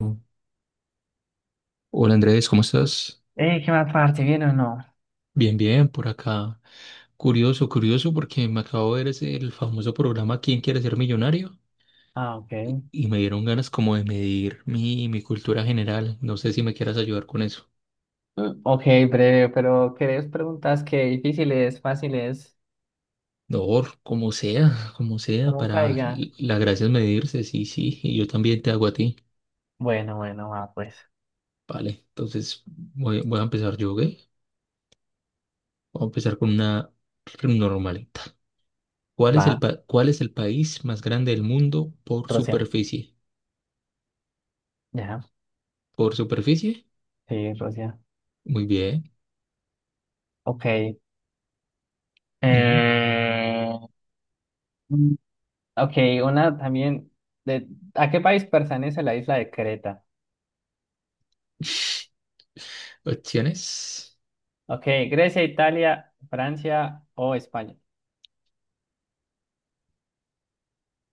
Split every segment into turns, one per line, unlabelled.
Oh, hola Andrés, ¿cómo estás?
¿Qué más parte? ¿Bien o no?
Bien, bien, por acá. Curioso, curioso, porque me acabo de ver ese, el famoso programa ¿Quién quiere ser millonario?
Ah, ok.
Y, y me dieron ganas como de medir mi cultura general. No sé si me quieras ayudar con eso.
Ok, breve, pero ¿querés preguntas que difíciles, fáciles,
No, como sea,
como
para
caiga?
la gracia es medirse, sí, sí, y yo también te hago a ti.
Bueno, bueno, va, pues.
Vale, entonces voy a empezar yo, ¿ok? Voy a empezar con una normalita.
Va,
Cuál es el país más grande del mundo por
Rusia.
superficie?
Ya,
¿Por superficie?
sí, Rusia.
Muy bien.
Ok.
Ujú.
Eh... mm, Ok, una también. De... ¿A qué país pertenece la isla de Creta?
Opciones.
Ok, Grecia, Italia, Francia o España.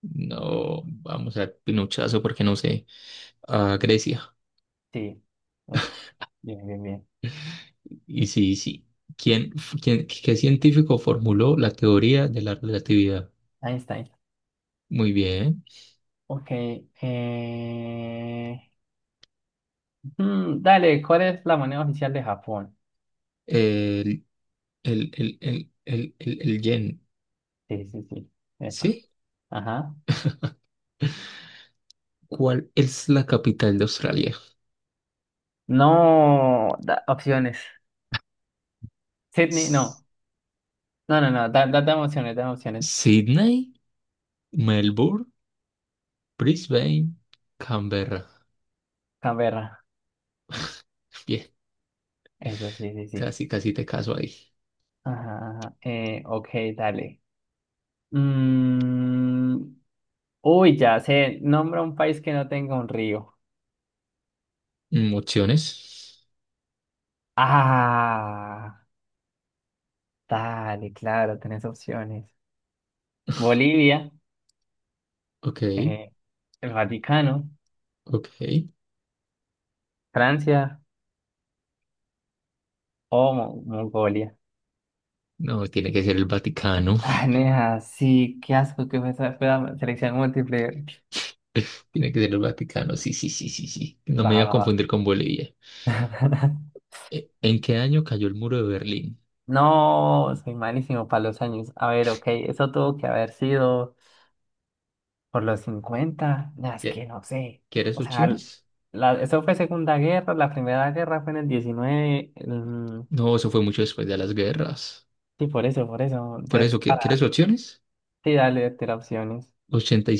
No, vamos a Pinochazo porque no sé. A Grecia.
Sí. Eh, Bien, bien, bien.
Y sí, sí. ¿Quién, qué científico formuló la teoría de la relatividad?
Einstein.
Muy bien.
Ok. Eh... dale, ¿cuál es la moneda oficial de Japón?
El, el yen.
Sí, sí, sí. Epa.
¿Sí?
Ajá.
¿Cuál es la capital de Australia?
No, opciones. Sydney,
S-
no. No, no, no. Dame opciones, dame opciones.
Sydney, Melbourne, Brisbane, Canberra.
Canberra.
Bien,
Eso, sí, sí, sí.
casi, casi te caso ahí.
Ajá, ajá. Ok, dale. Mm, uy, ya sé. Nombra un país que no tenga un río.
Mm, opciones.
Ah, dale, claro, tenés opciones. Bolivia,
Ok,
eh, el Vaticano,
ok.
Francia o Mongolia.
No, tiene que ser el Vaticano.
Ah, nea, sí, qué asco que fue esa fue selección múltiple.
Tiene que ser el Vaticano. Sí, sí, sí, sí, sí. No
Va,
me iba a
va,
confundir con Bolivia.
va.
¿En qué año cayó el muro de Berlín?
No, soy malísimo para los años. A ver, ok, eso tuvo que haber sido por los cincuenta. Nah, es
¿Qui-
que no sé.
¿Quieres
O sea,
opciones?
eso fue Segunda Guerra, la Primera Guerra fue en el diecinueve,
No, eso fue mucho después de las guerras.
sí, por eso, por eso.
Por
Entonces,
eso, ¿quieres
para,
opciones?
sí, dale, te opciones.
Ochenta y y y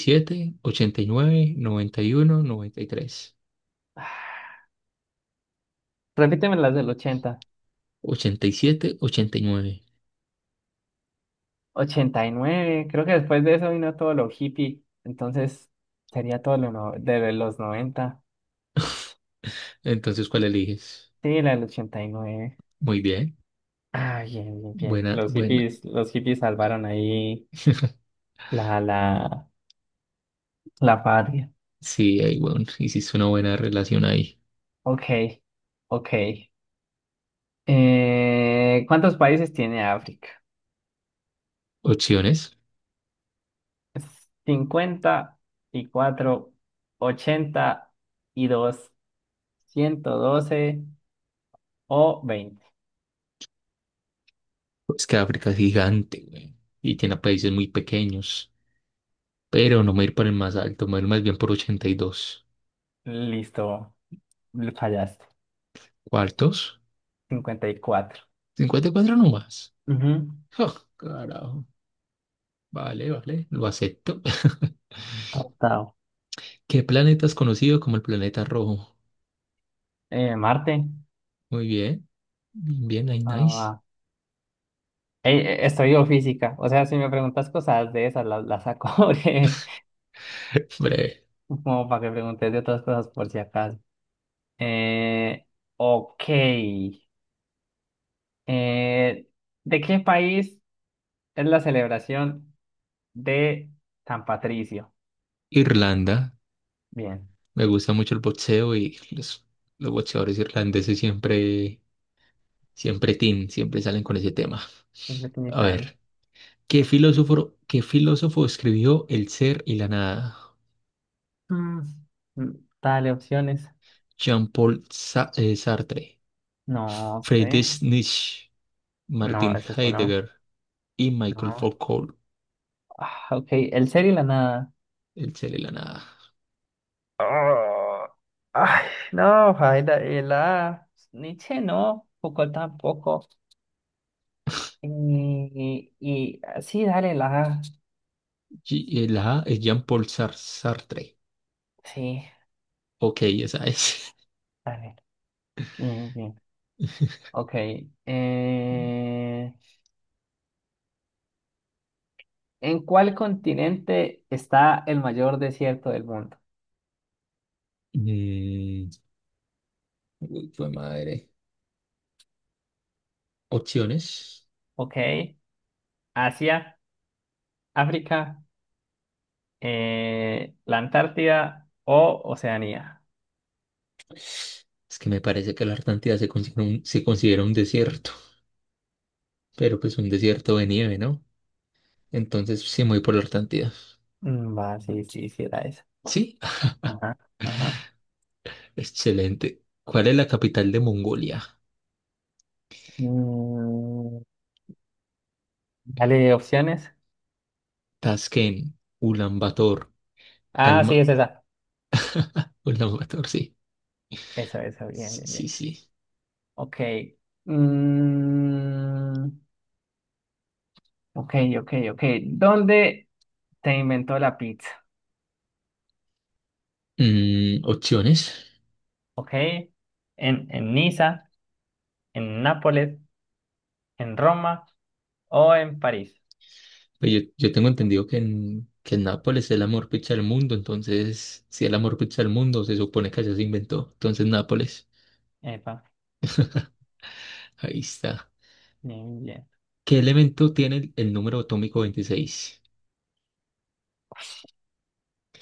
y siete, nueve, noventa uno, 93,
Ah, repíteme las del ochenta.
87, 89.
89 creo que después de eso vino todo lo hippie, entonces sería todo lo no- de los noventa.
Entonces, ¿cuál eliges?
Sí, la del 89.
Muy bien.
Ah, bien, bien, bien.
Buena, buena.
Los hippies salvaron ahí la, la, la patria.
Sí, ahí, bueno, hiciste una buena relación ahí.
Ok, ok. ¿Cuántos países tiene África?
Opciones.
Cincuenta y cuatro, 82, 112 o 20.
Es que África es gigante, güey, y tiene países muy pequeños. Pero no me voy a ir por el más alto, me voy a ir más bien por 82.
Listo, fallaste.
¿Cuartos?
54.
54 nomás.
Ujú,
Oh, carajo. Vale, vale, lo acepto.
aceptado.
¿Qué planeta es conocido como el planeta rojo?
Marte.
Muy bien, bien, ahí,
Ah,
nice.
va. Ey, estudio física. O sea, si me preguntas cosas de esas, las saco.
Breve.
Como para que preguntes de otras cosas por si acaso. Eh, ok. Eh, ¿De qué país es la celebración de San Patricio?
Irlanda.
Bien.
Me gusta mucho el boxeo y los boxeadores irlandeses siempre salen con ese tema.
Siempre tiene
A ver, ¿qué filósofo escribió El ser y la nada?
Mm, mm, Dale opciones.
Jean-Paul Sartre,
No sé.
Friedrich Nietzsche,
No,
Martin
es eso no.
Heidegger y Michael
No.
Foucault.
Ah, ok. El ser y la nada.
El ser y la nada.
Oh, ay, no, Jaira, la Nietzsche no, Foucault tampoco. Y ah, sí, dale, la
La A es Jean-Paul Sartre.
sí,
Ok, esa es.
dale. Bien, bien. Ok. eh, ¿En cuál continente está el mayor desierto del mundo?
Mm, uy, fue madre. Opciones.
Ok. Asia, África, la Antártida o Oceanía.
Es que me parece que la Antártida se considera un desierto, pero pues un desierto de nieve, ¿no? Entonces sí me voy por la Antártida.
Va, sí, sí, sí, era esa.
¿Sí?
Ajá, ajá.
Excelente. ¿Cuál es la capital de Mongolia?
Mm, dale opciones.
Tashkent, Ulaanbaatar,
Ah, sí,
Alma...
es esa.
Ulaanbaatar, sí.
Esa, bien,
Sí,
bien,
sí,
bien.
sí.
Ok. Mm, ok, ok, ok. ¿Dónde se inventó la pizza?
Mm, opciones.
Ok. ¿En Niza, en Nápoles, en Roma o en París?
Pues yo tengo entendido que en Nápoles es el amor pizza del mundo, entonces, si es la mejor pizza del mundo, se supone que allá se inventó. Entonces, Nápoles,
Epa. Sí, sí,
ahí está.
bien, bien.
¿Qué elemento tiene el número atómico 26?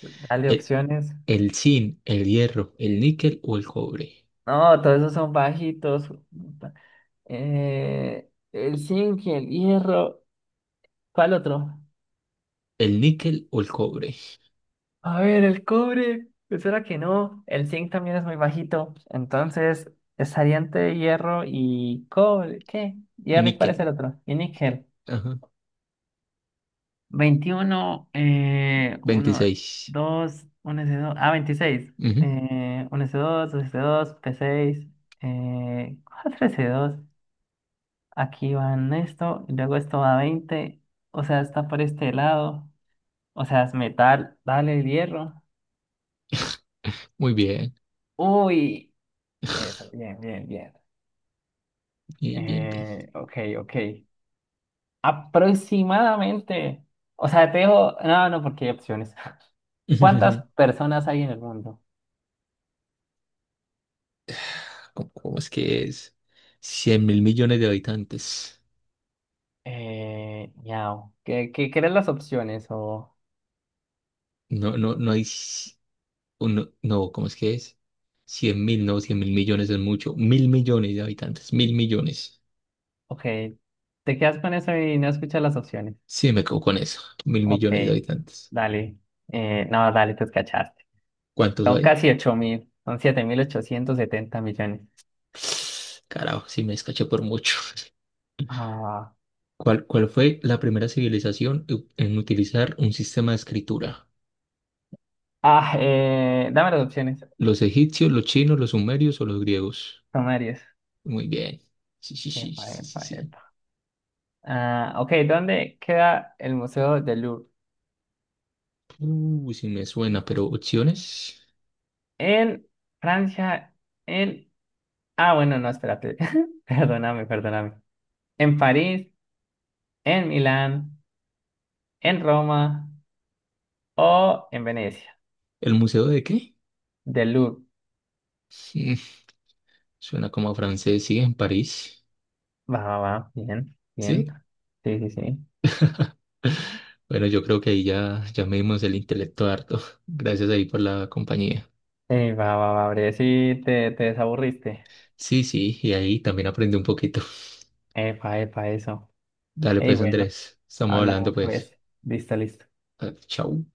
Dale
¿El,
opciones.
el zinc, el hierro, el níquel o el cobre?
No, todos esos son bajitos. Puta. El zinc y el hierro. ¿Cuál otro?
El níquel o el cobre.
A ver, el cobre, pues era que no. El zinc también es muy bajito. Entonces, estaría entre hierro y cobre. ¿Qué?
Y
¿Hierro y cuál es
níquel.
el otro? Y níquel.
Ajá.
21, uno
26.
dos uno s dos. Ah, 26.
Ujú.
Uno s dos dos s dos p seis, cuatro s dos. Aquí van esto, y luego esto va a veinte. O sea, está por este lado. O sea, es metal. Dale el hierro.
Muy bien,
Uy. Eso, bien, bien, bien.
bien, bien, bien.
Ok, ok. Aproximadamente, o sea, te dejo, no, no, porque hay opciones. ¿Cuántas personas hay en el mundo?
¿Cómo es que es? 100.000.000.000 de habitantes.
Miau. ¿Qué eran las opciones? O,
No, no, no hay... no, no, ¿cómo es que es? Cien mil, no, 100.000.000.000 es mucho. 1.000.000.000 de habitantes, 1.000.000.000.
ok, te quedas con eso y no escuchas las opciones.
Sí, me quedo con eso. Mil
Ok,
millones de habitantes.
dale. No, dale, te escachaste.
¿Cuántos
Son
hay?
casi 8 mil, son 7.870 millones.
Carajo, sí me escaché por mucho.
Ah,
¿Cuál, cuál fue la primera civilización en utilizar un sistema de escritura?
dame las opciones.
¿Los egipcios, los chinos, los sumerios o los griegos?
Son varias.
Muy bien. Sí, sí, sí,
Epa,
sí, sí,
epa,
sí.
epa. Ah, ok, ¿dónde queda el Museo del Louvre?
Sí me suena, pero opciones.
En Francia, en... Ah, bueno, no, espérate. Perdóname, perdóname. ¿En París, en Milán, en Roma o en Venecia?
¿El museo de qué?
Del Louvre.
Mm, suena como a francés, sí, en París.
Va, va, va. Bien, bien.
Sí.
Sí, sí, sí.
Bueno, yo creo que ahí ya, ya me dimos el intelecto harto. Gracias ahí por la compañía.
Ey, va, va, va, bre. Sí, te desaburriste.
Sí, sí, y ahí también aprendí un poquito.
Epa, epa, eso.
Dale
Ey,
pues,
bueno,
Andrés. Estamos hablando
hablamos
pues.
pues. Listo, listo.
Ah, chau.